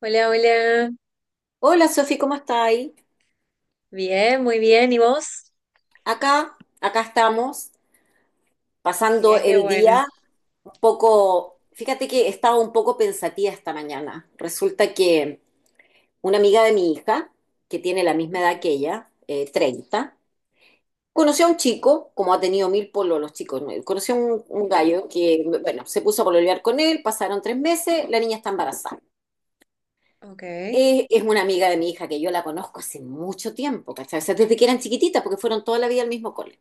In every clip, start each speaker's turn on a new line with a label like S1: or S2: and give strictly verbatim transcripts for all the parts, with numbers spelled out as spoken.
S1: Hola, hola.
S2: Hola Sofi, ¿cómo estáis?
S1: Bien, muy bien. ¿Y vos?
S2: Acá, acá estamos, pasando
S1: Mira qué
S2: el
S1: bueno.
S2: día un poco, fíjate que estaba un poco pensativa esta mañana. Resulta que una amiga de mi hija, que tiene la misma edad
S1: Ujú.
S2: que ella, eh, treinta, conoció a un chico, como ha tenido mil polos los chicos, ¿no? Conoció a un, un gallo que, bueno, se puso a pololear con él, pasaron tres meses, la niña está embarazada.
S1: Ok.
S2: Eh, es una amiga de mi hija que yo la conozco hace mucho tiempo, ¿cachai? O sea, desde que eran chiquititas, porque fueron toda la vida al mismo cole.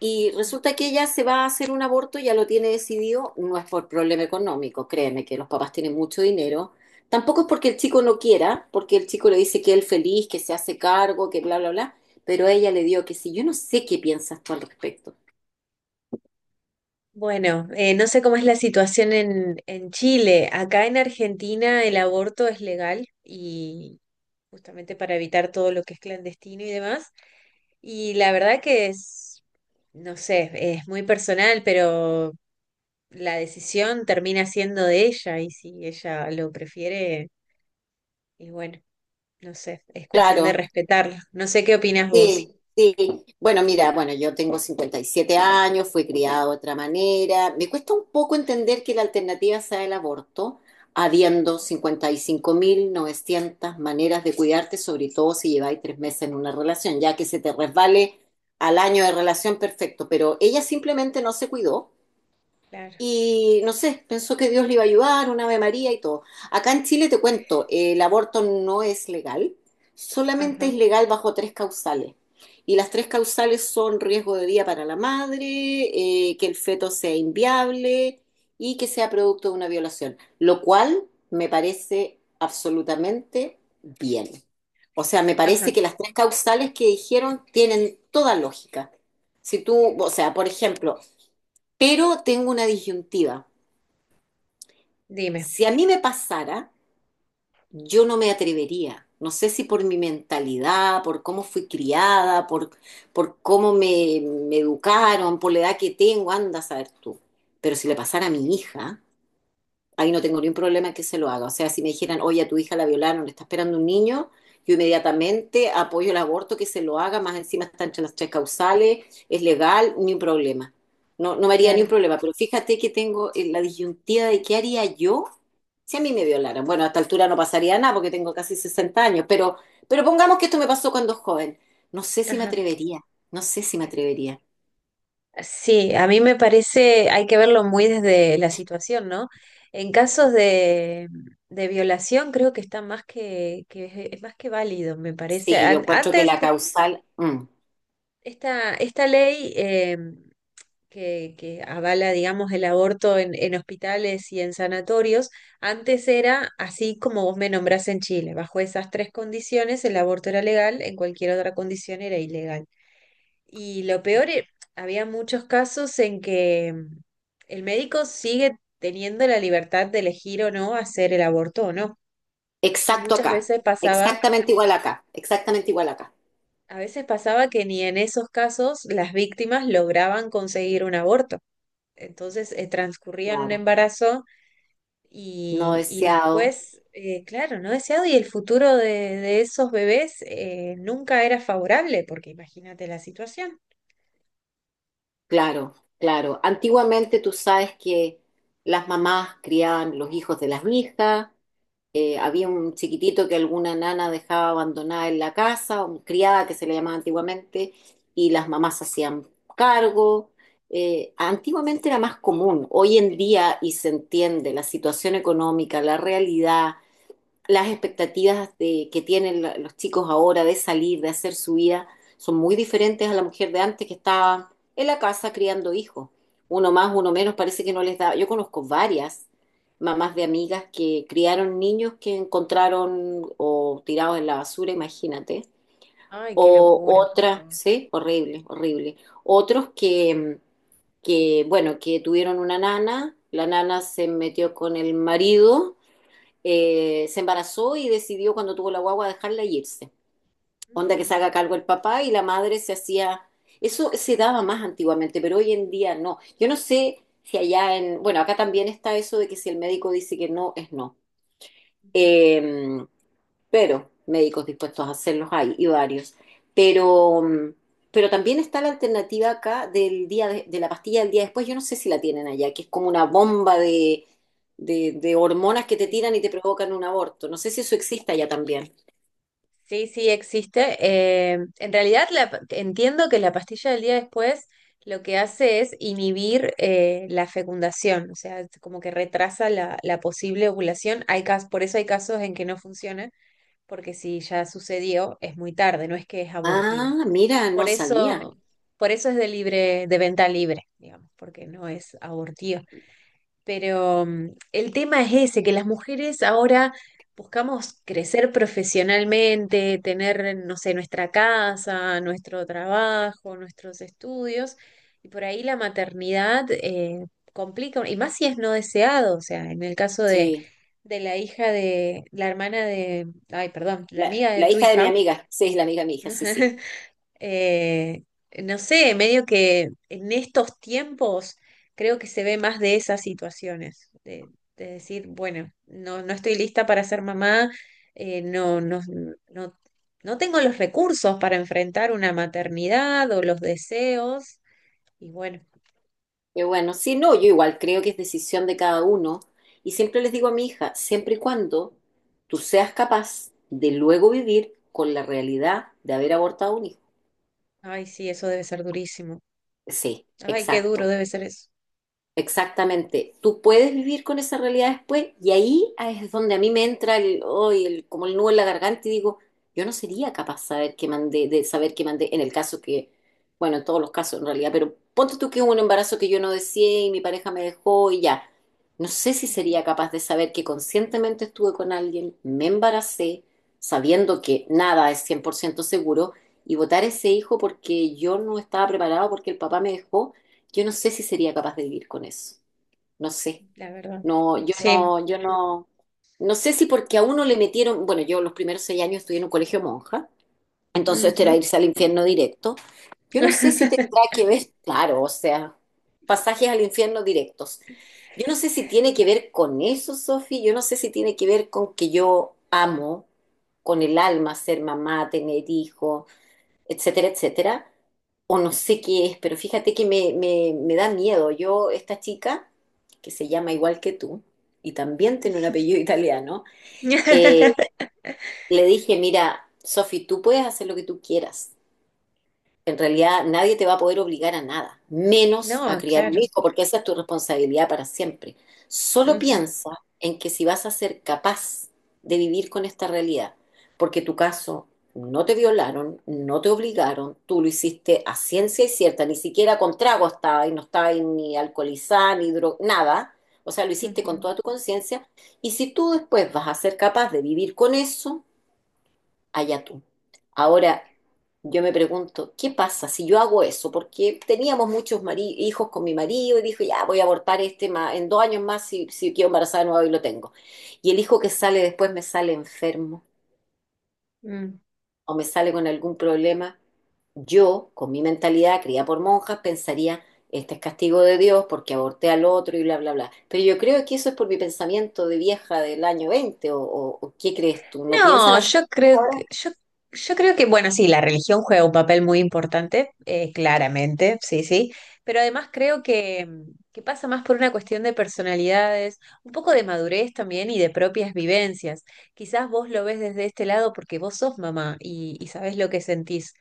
S2: Y
S1: Ujú.
S2: resulta que ella se va a hacer un aborto, ya lo tiene decidido, no es por problema económico, créeme que los papás tienen mucho dinero. Tampoco es porque el chico no quiera, porque el chico le dice que él feliz, que se hace cargo, que bla, bla, bla, pero ella le dio que sí. Yo no sé qué piensas tú al respecto.
S1: Bueno, eh, no sé cómo es la situación en, en Chile. Acá en Argentina el aborto es legal y justamente para evitar todo lo que es clandestino y demás. Y la verdad que es, no sé, es muy personal, pero la decisión termina siendo de ella y si ella lo prefiere, y bueno, no sé, es cuestión de
S2: Claro.
S1: respetarla. No sé qué opinás vos.
S2: Sí, sí. Bueno, mira, bueno, yo tengo cincuenta y siete años, fui criada de otra manera. Me cuesta un poco entender que la alternativa sea el aborto,
S1: Ujú.
S2: habiendo cincuenta y cinco mil novecientas maneras de cuidarte, sobre todo si lleváis tres meses en una relación, ya que se te resbale al año de relación, perfecto. Pero ella simplemente no se cuidó
S1: Claro.
S2: y no sé, pensó que Dios le iba a ayudar, un Ave María y todo. Acá en Chile te cuento, eh, el aborto no es legal, solamente es
S1: Ajá.
S2: legal bajo tres causales. Y las tres causales son riesgo de vida para la madre, eh, que el feto sea inviable y que sea producto de una violación, lo cual me parece absolutamente bien. O sea, me parece
S1: Ajá.
S2: que las tres causales que dijeron tienen toda lógica. Si tú, o sea, por ejemplo, pero tengo una disyuntiva.
S1: Dime.
S2: Si a mí me pasara, yo no me atrevería. No sé si por mi mentalidad, por cómo fui criada, por, por cómo me, me educaron, por la edad que tengo, anda a saber tú. Pero si le pasara a mi hija, ahí no tengo ningún problema que se lo haga. O sea, si me dijeran, oye, a tu hija la violaron, le está esperando un niño, yo inmediatamente apoyo el aborto, que se lo haga, más encima está entre las tres causales, es legal, ni un problema. No, no me haría ni un
S1: Claro.
S2: problema, pero fíjate que tengo eh, la disyuntiva de qué haría yo si a mí me violaran. Bueno, a esta altura no pasaría nada porque tengo casi sesenta años, pero, pero pongamos que esto me pasó cuando joven. No sé si me
S1: Ajá.
S2: atrevería, no sé si me atrevería.
S1: Sí, a mí me parece, hay que verlo muy desde la situación, ¿no? En casos de, de violación creo que está más que, que- es más que válido, me parece.
S2: Sí, yo
S1: An-
S2: encuentro que
S1: Antes,
S2: la causal, mm.
S1: esta, esta ley em, que, que avala, digamos, el aborto en, en hospitales y en sanatorios, antes era así como vos me nombrás en Chile. Bajo esas tres condiciones, el aborto era legal, en cualquier otra condición era ilegal. Y lo peor, e- había muchos casos en que mm, el médico sigue teniendo la libertad de elegir o no hacer el aborto o no. Y
S2: Exacto
S1: muchas
S2: acá,
S1: veces pasaba,
S2: exactamente igual acá, exactamente igual acá.
S1: a veces pasaba que ni en esos casos las víctimas lograban conseguir un aborto. Entonces, eh, transcurrían un
S2: Claro,
S1: embarazo.
S2: no
S1: Y, y
S2: deseado,
S1: después, eh, claro, no deseado, y el futuro de, de esos bebés eh, nunca era favorable, porque imagínate la situación.
S2: claro, claro. Antiguamente tú sabes que las mamás criaban los hijos de las hijas, eh, había
S1: Ujú.
S2: un chiquitito que alguna nana dejaba abandonada en la casa, un criada que se le llamaba antiguamente, y las mamás se hacían cargo. Eh, antiguamente era más común, hoy en día, y se entiende, la situación económica, la realidad las expectativas de, que tienen la- los chicos ahora de salir, de hacer su vida, son muy diferentes a la mujer de antes que estaba en la casa criando hijos. Uno más, uno menos, parece que no les da. Yo conozco varias mamás de amigas que criaron niños que encontraron o tirados en la basura, imagínate.
S1: Ay, qué
S2: O
S1: locura, por
S2: otras,
S1: favor.
S2: sí, horrible, horrible. Otros que, que, bueno, que tuvieron una nana, la nana se metió con el marido eh, se embarazó y decidió cuando tuvo la guagua dejarla y irse. Onda que se
S1: Mm,
S2: haga
S1: por
S2: cargo el papá y la madre se hacía... Eso se daba más antiguamente, pero hoy en día no. Yo no sé si allá en... Bueno, acá también está eso de que si el médico dice que no, es no.
S1: favor.
S2: Eh, pero médicos dispuestos a hacerlos hay, y varios. Pero, mm, pero también está la alternativa acá del día de, de la pastilla del día después, yo no sé si la tienen allá, que es como una bomba de, de, de hormonas que te
S1: Sí,
S2: tiran y te provocan un aborto. No sé si eso existe allá también.
S1: sí, sí, existe. Eh, en realidad la pa- entiendo que la pastilla del día después lo que hace es inhibir eh, la fecundación, o sea, es como que retrasa la, la posible ovulación. Hay cas- por eso hay casos en que no funciona porque si ya sucedió, es muy tarde, no es que es abortiva.
S2: Ah, mira,
S1: Por
S2: no sabía.
S1: eso, por eso es de libre, de venta libre, digamos, porque no es abortiva. Pero mm, el tema es ese, que las mujeres ahora buscamos crecer profesionalmente, tener, no sé, nuestra casa, nuestro trabajo, nuestros estudios, y por ahí la maternidad eh, complica, y más si es no deseado, o sea, en el caso de,
S2: Sí,
S1: de la hija de, la hermana de, ay, perdón, la
S2: la,
S1: amiga de
S2: la
S1: tu
S2: hija de mi
S1: hija.
S2: amiga, sí, la amiga de mi hija, sí, sí.
S1: Eh, no sé, medio que en estos tiempos creo que se ve más de esas situaciones, de, de decir, bueno, no, no estoy lista para ser mamá, eh, no, no, no, no tengo los recursos para enfrentar una maternidad o los deseos, y bueno,
S2: Qué bueno, sí, no, yo igual creo que es decisión de cada uno. Y siempre les digo a mi hija, siempre y cuando tú seas capaz de luego vivir con la realidad de haber abortado un hijo.
S1: ay, sí, eso debe ser durísimo.
S2: Sí,
S1: Ay, qué duro
S2: exacto.
S1: debe ser eso.
S2: Exactamente. Tú puedes vivir con esa realidad después y ahí es donde a mí me entra el, oh, el como el nudo en la garganta y digo, yo no sería capaz saber que mandé, de saber que mandé en el caso que, bueno, en todos los casos en realidad, pero ponte tú que hubo un embarazo que yo no deseé y mi pareja me dejó y ya. No sé si
S1: Ujú.
S2: sería capaz de saber que conscientemente estuve con alguien, me embaracé, sabiendo que nada es cien por ciento seguro y botar ese hijo porque yo no estaba preparado porque el papá me dejó, yo no sé si sería capaz de vivir con eso. No sé.
S1: La verdad.
S2: No, yo
S1: Sí.
S2: no, yo no. No sé si porque a uno le metieron. Bueno, yo los primeros seis años estudié en un colegio monja, entonces esto era
S1: Ujú.
S2: irse al infierno directo. Yo no sé si tendrá que ver, claro, o sea, pasajes al infierno directos. Yo no sé si tiene que ver con eso, Sofi. Yo no sé si tiene que ver con que yo amo con el alma ser mamá, tener hijos, etcétera, etcétera, o no sé qué es, pero fíjate que me, me, me da miedo. Yo, esta chica, que se llama igual que tú, y también tiene un apellido italiano, eh, le dije, mira, Sofi, tú puedes hacer lo que tú quieras. En realidad nadie te va a poder obligar a nada, menos a
S1: No,
S2: criar un
S1: claro.
S2: hijo, porque esa es tu responsabilidad para siempre. Solo
S1: Ujú,
S2: piensa en que si vas a ser capaz de vivir con esta realidad, porque tu caso no te violaron, no te obligaron, tú lo hiciste a ciencia y cierta, ni siquiera con trago estaba y no estaba ahí ni alcoholizada, ni dro nada, o sea, lo hiciste
S1: ujú,
S2: con toda tu conciencia, y si tú después vas a ser capaz de vivir con eso, allá tú. Ahora, yo me pregunto, ¿qué pasa si yo hago eso? Porque teníamos muchos mari- hijos con mi marido y dijo, ya voy a abortar este ma- en dos años más si, si quedo embarazada de nuevo y lo tengo. Y el hijo que sale después me sale enfermo
S1: mm.
S2: o me sale con algún problema. Yo, con mi mentalidad criada por monjas, pensaría, este es castigo de Dios porque aborté al otro y bla, bla, bla. Pero yo creo que eso es por mi pensamiento de vieja del año veinte o, o- o ¿qué crees tú? ¿No piensan
S1: No,
S2: así
S1: yo creo
S2: ahora?
S1: que, yo, yo creo que, bueno, sí, la religión juega un papel muy importante, eh, claramente, sí, sí, pero además creo que, que pasa más por una cuestión de personalidades, un poco de madurez también y de propias vivencias. Quizás vos lo ves desde este lado porque vos sos mamá y, y sabés lo que sentís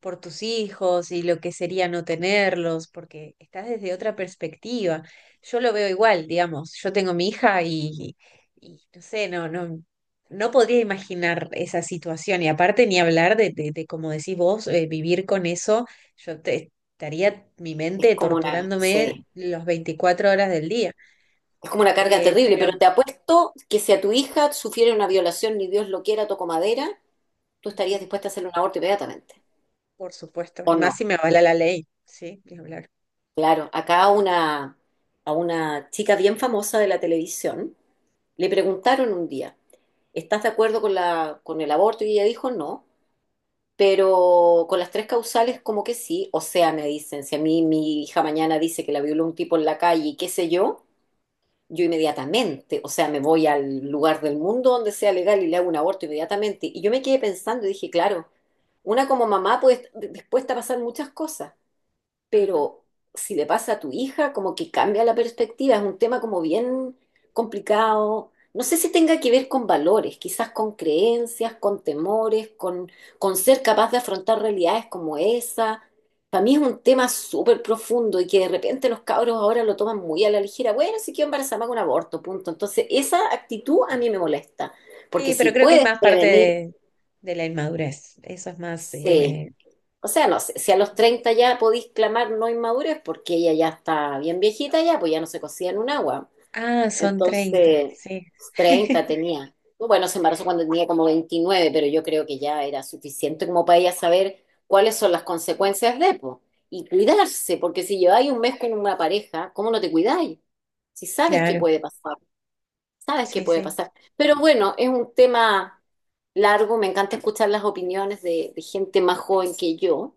S1: por tus hijos y lo que sería no tenerlos, porque estás desde otra perspectiva. Yo lo veo igual, digamos, yo tengo mi hija y y no sé, no, no. No podría imaginar esa situación y aparte ni hablar de, de, de, como decís vos, eh, vivir con eso, yo te- estaría mi
S2: Es
S1: mente
S2: como una...
S1: torturándome
S2: Sí.
S1: las veinticuatro horas del día.
S2: Es como una carga
S1: Eh,
S2: terrible,
S1: pero,
S2: pero te apuesto que si a tu hija sufriera una violación, ni Dios lo quiera, toco madera, tú estarías
S1: ujú,
S2: dispuesta a hacerle un aborto inmediatamente.
S1: por supuesto, y
S2: ¿O no?
S1: más si me avala la ley, ¿sí? Ni hablar.
S2: Claro, acá a una, a una chica bien famosa de la televisión le preguntaron un día, ¿estás de acuerdo con la, con el aborto? Y ella dijo no, pero con las tres causales como que sí. O sea, me dicen, si a mí mi hija mañana dice que la violó un tipo en la calle y qué sé yo, yo inmediatamente, o sea, me voy al lugar del mundo donde sea legal y le hago un aborto inmediatamente. Y yo me quedé pensando y dije, claro, una como mamá puede estar dispuesta a pasar muchas cosas,
S1: Ajá.
S2: pero si le pasa a tu hija, como que cambia la perspectiva, es un tema como bien complicado. No sé si tenga que ver con valores, quizás con creencias, con temores, con, con ser capaz de afrontar realidades como esa. Para mí es un tema súper profundo y que de repente los cabros ahora lo toman muy a la ligera. Bueno, si quiero embarazarme hago un aborto, punto. Entonces, esa actitud a mí
S1: Sí.
S2: me molesta, porque
S1: Sí,
S2: si
S1: pero creo que es
S2: puedes
S1: más parte
S2: prevenir,
S1: de, de la inmadurez, eso es más...
S2: sí.
S1: eh,
S2: O sea, no sé, si a los treinta ya podéis clamar no inmadurez, porque ella ya está bien viejita ya, pues ya no se cocía en un agua.
S1: ah, son treinta
S2: Entonces,
S1: sí,
S2: treinta tenía. Bueno, se embarazó cuando tenía como veintinueve, pero yo creo que ya era suficiente como para ella saber cuáles son las consecuencias de, pues. Y cuidarse, porque si lleváis un mes con una pareja, ¿cómo no te cuidáis? Si sabes que
S1: claro,
S2: puede pasar. Sabes qué
S1: sí,
S2: puede
S1: sí.
S2: pasar. Pero bueno, es un tema largo. Me encanta escuchar las opiniones de, de gente más joven que yo,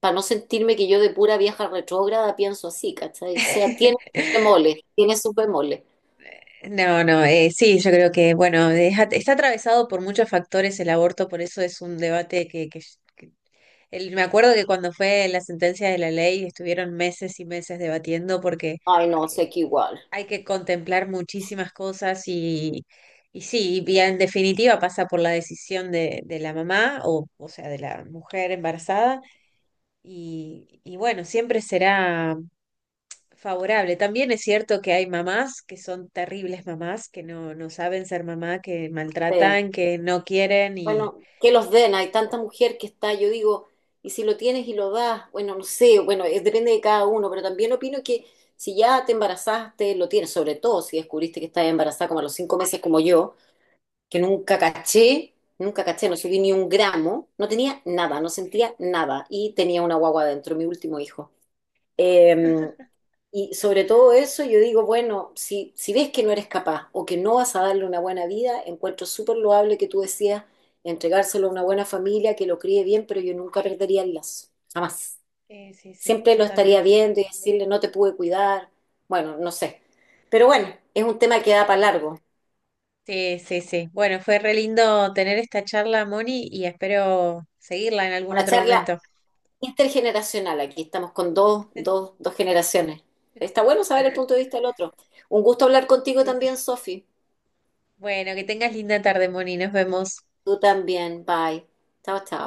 S2: para no sentirme que yo de pura vieja retrógrada pienso así, ¿cachai? O sea, tiene sus bemoles, tiene sus bemoles.
S1: No, no, eh, sí, yo creo que, bueno, deja- está atravesado por muchos factores el aborto, por eso es un debate que, que- que- el- me acuerdo que cuando fue la sentencia de la ley estuvieron meses y meses debatiendo porque
S2: Ay, no, sé
S1: eh,
S2: que igual.
S1: hay que contemplar muchísimas cosas y, y sí, y en definitiva pasa por la decisión de, de la mamá o, o sea, de la mujer embarazada y, y bueno, siempre será favorable. También es cierto que hay mamás que son terribles mamás, que no, no saben ser mamá, que
S2: Sí.
S1: maltratan, que no quieren y...
S2: Bueno, que los den. Hay tanta mujer que está, yo digo, y si lo tienes y lo das, bueno, no sé, bueno, es- depende de cada uno, pero también opino que si ya te embarazaste, lo tienes, sobre todo si descubriste que estás embarazada como a los cinco meses como yo. Que nunca caché, nunca caché, no subí ni un gramo, no tenía nada, no sentía nada y tenía una guagua dentro, mi último hijo. Eh, y sobre todo eso yo digo, bueno, si, si ves que no eres capaz o que no vas a darle una buena vida, encuentro súper loable que tú decías entregárselo a una buena familia que lo críe bien, pero yo nunca perdería el lazo, jamás.
S1: Eh, sí, sí,
S2: Siempre lo estaría
S1: totalmente.
S2: viendo y decirle, no te pude cuidar, bueno, no sé. Pero bueno, es un tema que da para
S1: Pero...
S2: largo.
S1: Sí, sí, sí. Bueno, fue re lindo tener esta charla, Moni, y espero seguirla en algún
S2: Una
S1: otro
S2: charla,
S1: momento.
S2: intergeneracional, aquí estamos con dos, dos, dos generaciones. Está bueno saber el punto de vista del otro. Un gusto hablar contigo
S1: Sí, sí.
S2: también, Sofi.
S1: Bueno, que tengas linda tarde, Moni. Nos vemos.
S2: Tú también, bye. Chao, chao.